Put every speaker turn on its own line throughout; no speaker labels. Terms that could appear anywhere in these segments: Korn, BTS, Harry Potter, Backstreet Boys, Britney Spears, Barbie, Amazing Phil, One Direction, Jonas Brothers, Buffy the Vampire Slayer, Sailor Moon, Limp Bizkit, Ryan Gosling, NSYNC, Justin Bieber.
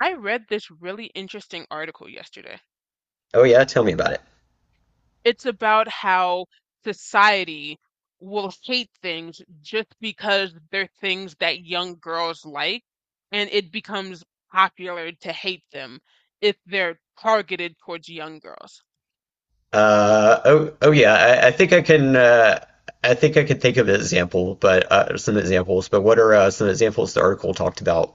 I read this really interesting article yesterday.
Oh yeah, tell me about it.
It's about how society will hate things just because they're things that young girls like, and it becomes popular to hate them if they're targeted towards young girls.
Oh yeah, I think I can. I think I can think of an example, but some examples. But what are some examples the article talked about?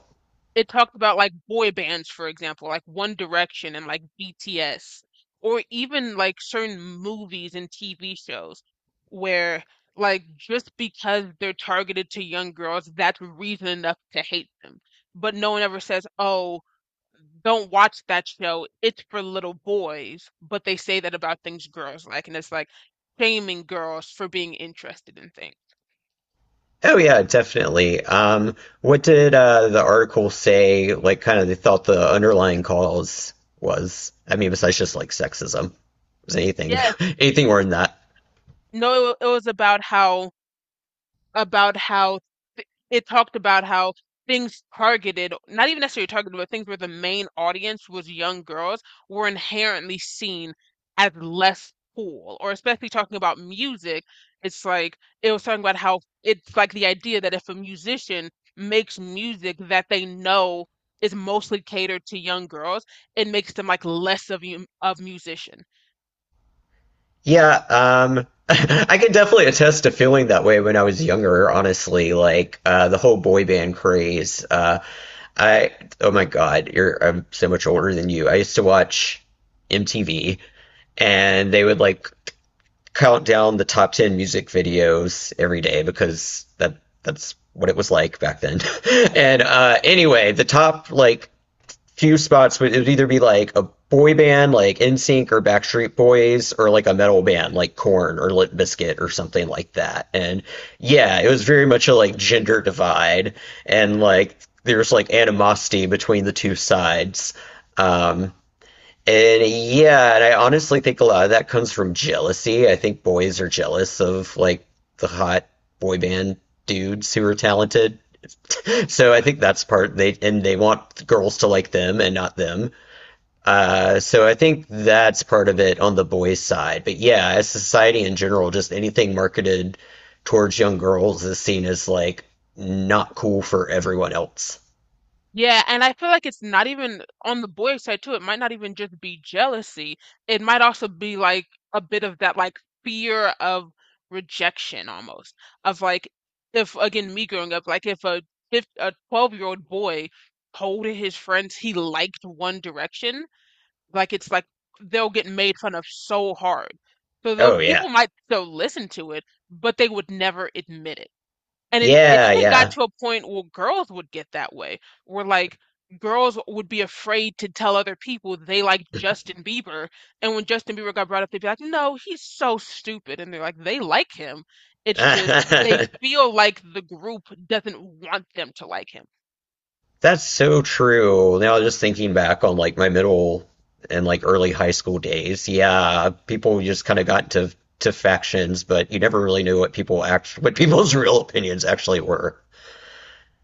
It talked about boy bands, for example, like One Direction and BTS, or even like certain movies and TV shows where just because they're targeted to young girls, that's reason enough to hate them. But no one ever says, "Oh, don't watch that show. It's for little boys." But they say that about things girls like, and it's like shaming girls for being interested in things.
Oh yeah, definitely. What did the article say? Like, kind of, they thought the underlying cause was. I mean, besides just like sexism, was anything
Yeah,
anything more than that?
no, it was about how about how th it talked about how things targeted, not even necessarily targeted, but things where the main audience was young girls were inherently seen as less cool. Or especially talking about music, it's like it was talking about how it's like the idea that if a musician makes music that they know is mostly catered to young girls, it makes them like less of you of musician.
Yeah, I can definitely attest to feeling that way when I was younger, honestly. Like the whole boy band craze. I oh my God, you're I'm so much older than you. I used to watch MTV, and they would like count down the top 10 music videos every day because that's what it was like back then. And anyway, the top like few spots where it would either be like a boy band like NSYNC or Backstreet Boys or like a metal band like Korn or Limp Bizkit or something like that. And yeah, it was very much a like gender divide, and like there's like animosity between the two sides. Um, and yeah, and I honestly think a lot of that comes from jealousy. I think boys are jealous of like the hot boy band dudes who are talented. So I think that's part they want girls to like them and not them. So I think that's part of it on the boys' side. But yeah, as society in general, just anything marketed towards young girls is seen as like not cool for everyone else.
Yeah, and I feel like it's not even on the boy side too. It might not even just be jealousy. It might also be like a bit of that like fear of rejection almost. Of like if again me growing up, like if a fif a 12-year-old boy told his friends he liked One Direction, like it's like they'll get made fun of so hard. So though
Oh yeah.
people might still listen to it, but they would never admit it. And it
Yeah,
even got
yeah.
to a point where girls would get that way, where like girls would be afraid to tell other people they like Justin Bieber, and when Justin Bieber got brought up, they'd be like, "No, he's so stupid," and they're like, "They like him." It's just they feel like the group doesn't want them to like him.
That's so true. Now just thinking back on like my middle and like early high school days, yeah, people just kind of got into to factions, but you never really knew what people act what people's real opinions actually were.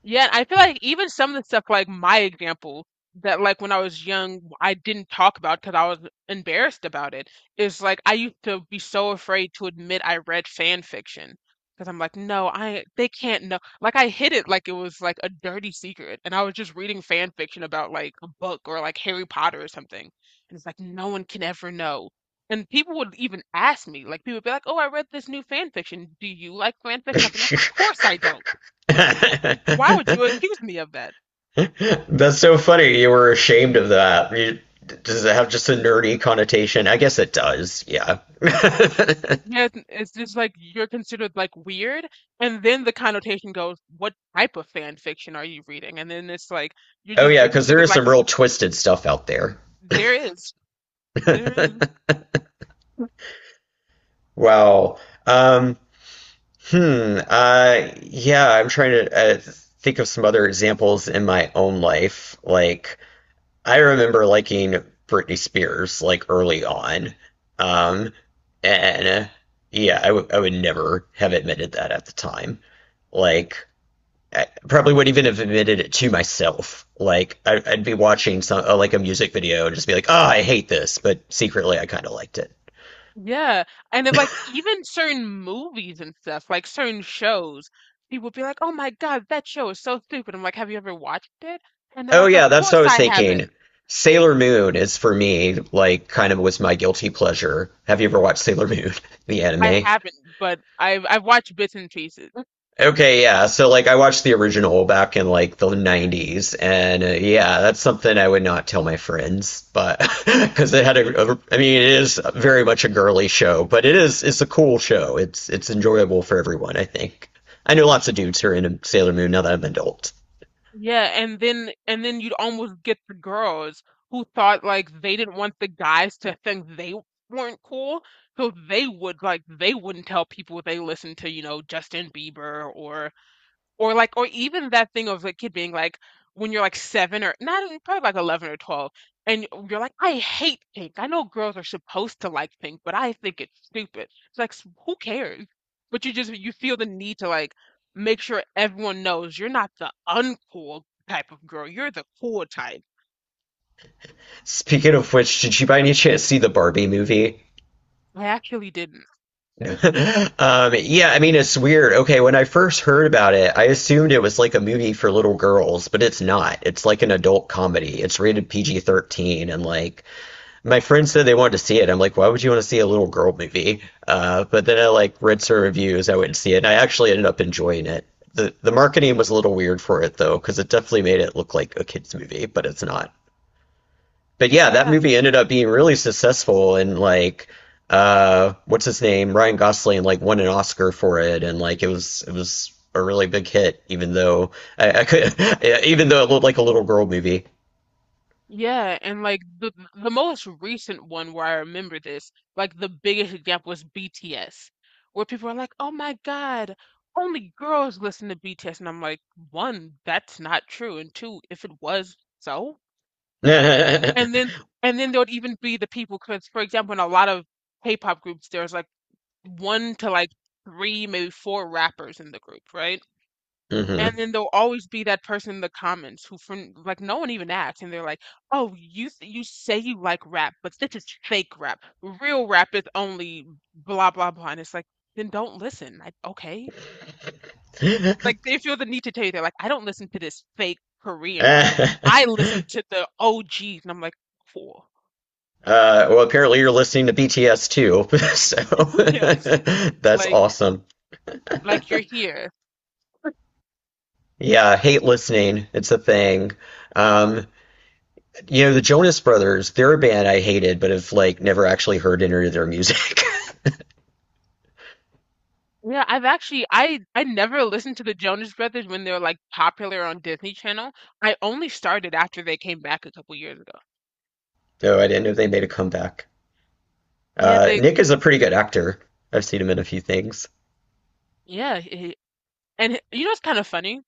Yeah, I feel like even some of the stuff like my example that like when I was young I didn't talk about because I was embarrassed about it is like I used to be so afraid to admit I read fan fiction because I'm like no I they can't know like I hid it like it was like a dirty secret and I was just reading fan fiction about like a book or like Harry Potter or something, and it's like no one can ever know, and people would even ask me, like people would be like, oh I read this new fan fiction, do you like fan fiction, I'd be like of course I don't, why would you
That's
accuse me of that?
so funny. You were ashamed of that. You, does it have just a nerdy connotation? I guess it does. Yeah.
Yes, it's just like you're considered like weird, and then the connotation goes, what type of fan fiction are you reading? And then it's like you're
Oh
just
yeah,
you're
because there
considered
is
like
some
a,
real twisted stuff out there.
there is there is.
Wow. Um, hmm. Yeah, I'm trying to think of some other examples in my own life. Like, I remember liking Britney Spears like early on. Um, and yeah, I would never have admitted that at the time. Like I probably wouldn't even have admitted it to myself. Like I'd be watching some like a music video and just be like, "Ah, I hate this," but secretly I kind of liked it.
Yeah, and then like even certain movies and stuff, like certain shows, people be like, oh my God, that show is so stupid. I'm like, have you ever watched it? And they're
Oh
like, of
yeah, that's what I
course
was
I
thinking.
haven't.
Sailor Moon is for me like kind of was my guilty pleasure. Have you ever watched Sailor Moon, the
I
anime?
haven't, but I've watched bits and pieces.
Okay, yeah. So like I watched the original back in like the 90s and yeah, that's something I would not tell my friends, but because it had a I mean it is very much a girly show, but it's a cool show. It's enjoyable for everyone, I think. I know lots of dudes who are into Sailor Moon now that I'm an adult.
Yeah, and then you'd almost get the girls who thought like they didn't want the guys to think they weren't cool, so they would like they wouldn't tell people they listened to, you know, Justin Bieber or like or even that thing of like kid being like when you're like seven or not even- probably like 11 or 12, and you're like I hate pink, I know girls are supposed to like pink but I think it's stupid, it's like who cares, but you just you feel the need to like make sure everyone knows you're not the uncool type of girl, you're the cool type.
Speaking of which, did you by any chance see the Barbie movie?
I actually didn't.
Yeah, I mean, it's weird. Okay, when I first heard about it, I assumed it was like a movie for little girls, but it's not. It's like an adult comedy. It's rated PG-13, and like my friends said they wanted to see it. I'm like, why would you want to see a little girl movie? But then I like read some reviews, I went and see it, and I actually ended up enjoying it. The marketing was a little weird for it though, because it definitely made it look like a kids movie, but it's not, but yeah, that
Yeah.
movie ended up being really successful and like what's his name, Ryan Gosling like won an Oscar for it, and like it was a really big hit even though I could even though it looked like a little girl movie.
Yeah, and like the most recent one where I remember this, like the biggest example was BTS, where people are like, "Oh my God, only girls listen to BTS," and I'm like, one, that's not true, and two, if it was so, and then there would even be the people, because for example, in a lot of K-pop groups, there's like one to like three, maybe four rappers in the group, right?
hmm
And then there'll always be that person in the comments who from like no one even asks, and they're like, "Oh, you say you like rap, but this is fake rap. Real rap is only blah blah blah." And it's like, "Then don't listen." Like, okay. Like they feel the need to tell you, they're like, "I don't listen to this fake Korean rap.
uh,
I listen to the OGs." And I'm like, "Cool."
well apparently you're listening to BTS too.
Yeah.
So that's
Like
awesome.
like you're here.
Yeah, hate listening. It's a thing. Um You know, the Jonas Brothers, they're a band I hated, but have like never actually heard any of their music.
Yeah, I've actually I never listened to the Jonas Brothers when they were like popular on Disney Channel. I only started after they came back a couple years ago.
So I didn't know they made a comeback.
Yeah, they
Nick is a pretty good actor. I've seen him in a few things.
yeah, he- and he- you know it's kind of funny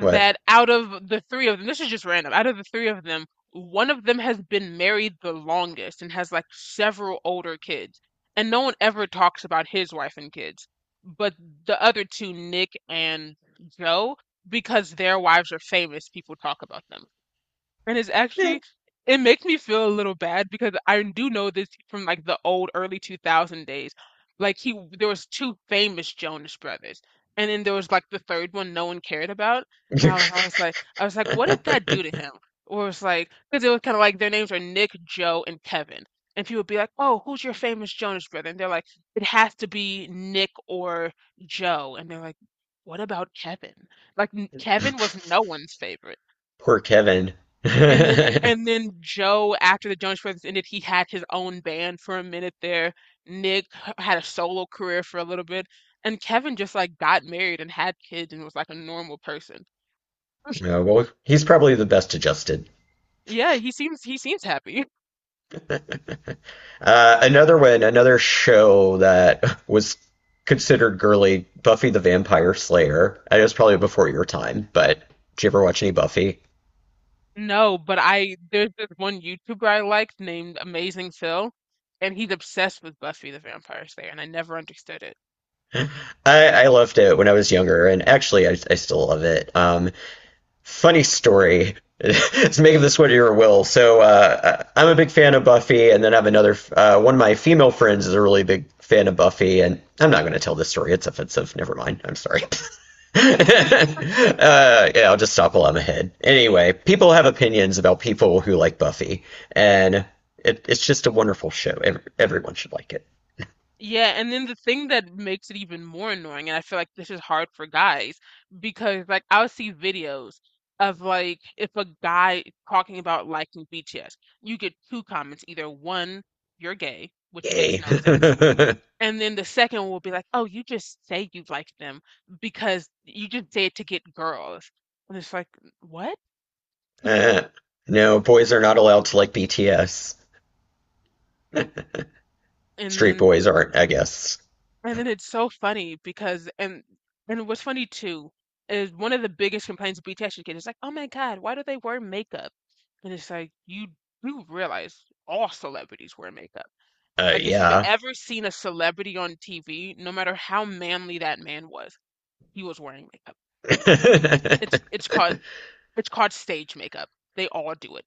What?
out of the three of them, this is just random. Out of the three of them, one of them has been married the longest and has like several older kids, and no one ever talks about his wife and kids. But the other two, Nick and Joe, because their wives are famous, people talk about them. And it's actually it makes me feel a little bad because I do know this from like the old early 2000 days. Like he there was two famous Jonas Brothers. And then there was like the third one no one cared about. And I was like what did that do to him? Or it's like because it was kind of like their names are Nick, Joe, and Kevin. And people would be like, "Oh, who's your famous Jonas brother?" And they're like, "It has to be Nick or Joe." And they're like, "What about Kevin?" Like Kevin was no one's favorite.
Poor Kevin.
And then and then Joe, after the Jonas Brothers ended, he had his own band for a minute there. Nick had a solo career for a little bit, and Kevin just like got married and had kids and was like a normal person.
No, well, he's probably the best adjusted.
Yeah, he seems happy.
Another one, another show that was considered girly, Buffy the Vampire Slayer. I know it's probably before your time, but did you ever watch any Buffy?
No, but I there's this one YouTuber I liked named Amazing Phil, and he's obsessed with Buffy the Vampire Slayer, and I never understood it.
I loved it when I was younger, and actually, I still love it. Funny story. It's making this what your will. So I- am a big fan of Buffy, and then I have another one of my female friends is a really big fan of Buffy, and I'm not going to tell this story. It's offensive. Never mind. I'm sorry. uh, yeah, I'll just stop while I'm ahead. Anyway, people have opinions about people who like Buffy, and it's just a wonderful show. Everyone should like it.
Yeah, and then the thing that makes it even more annoying, and I feel like this is hard for guys, because like I'll see videos of like if a guy talking about liking BTS, you get two comments, either one, you're gay, which makes
Yay.
no sense, and then the second will be like, oh, you just say you like them because you just say it to get girls. And it's like, what?
Uh, no, boys are not allowed to like BTS.
And
Straight
then
boys aren't, I guess.
and then it's so funny because and what's funny too is one of the biggest complaints BTS should get is like, oh my God, why do they wear makeup? And it's like you do realize all celebrities wear makeup. Like if you've
Yeah.
ever seen a celebrity on TV, no matter how manly that man was, he was wearing makeup. It's it's called it's called stage makeup. They all do it.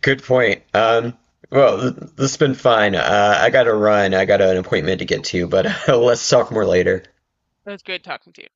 Good point. Well, this has been fine. I gotta run. I got an appointment to get to, but let's talk more later.
It was great talking to you.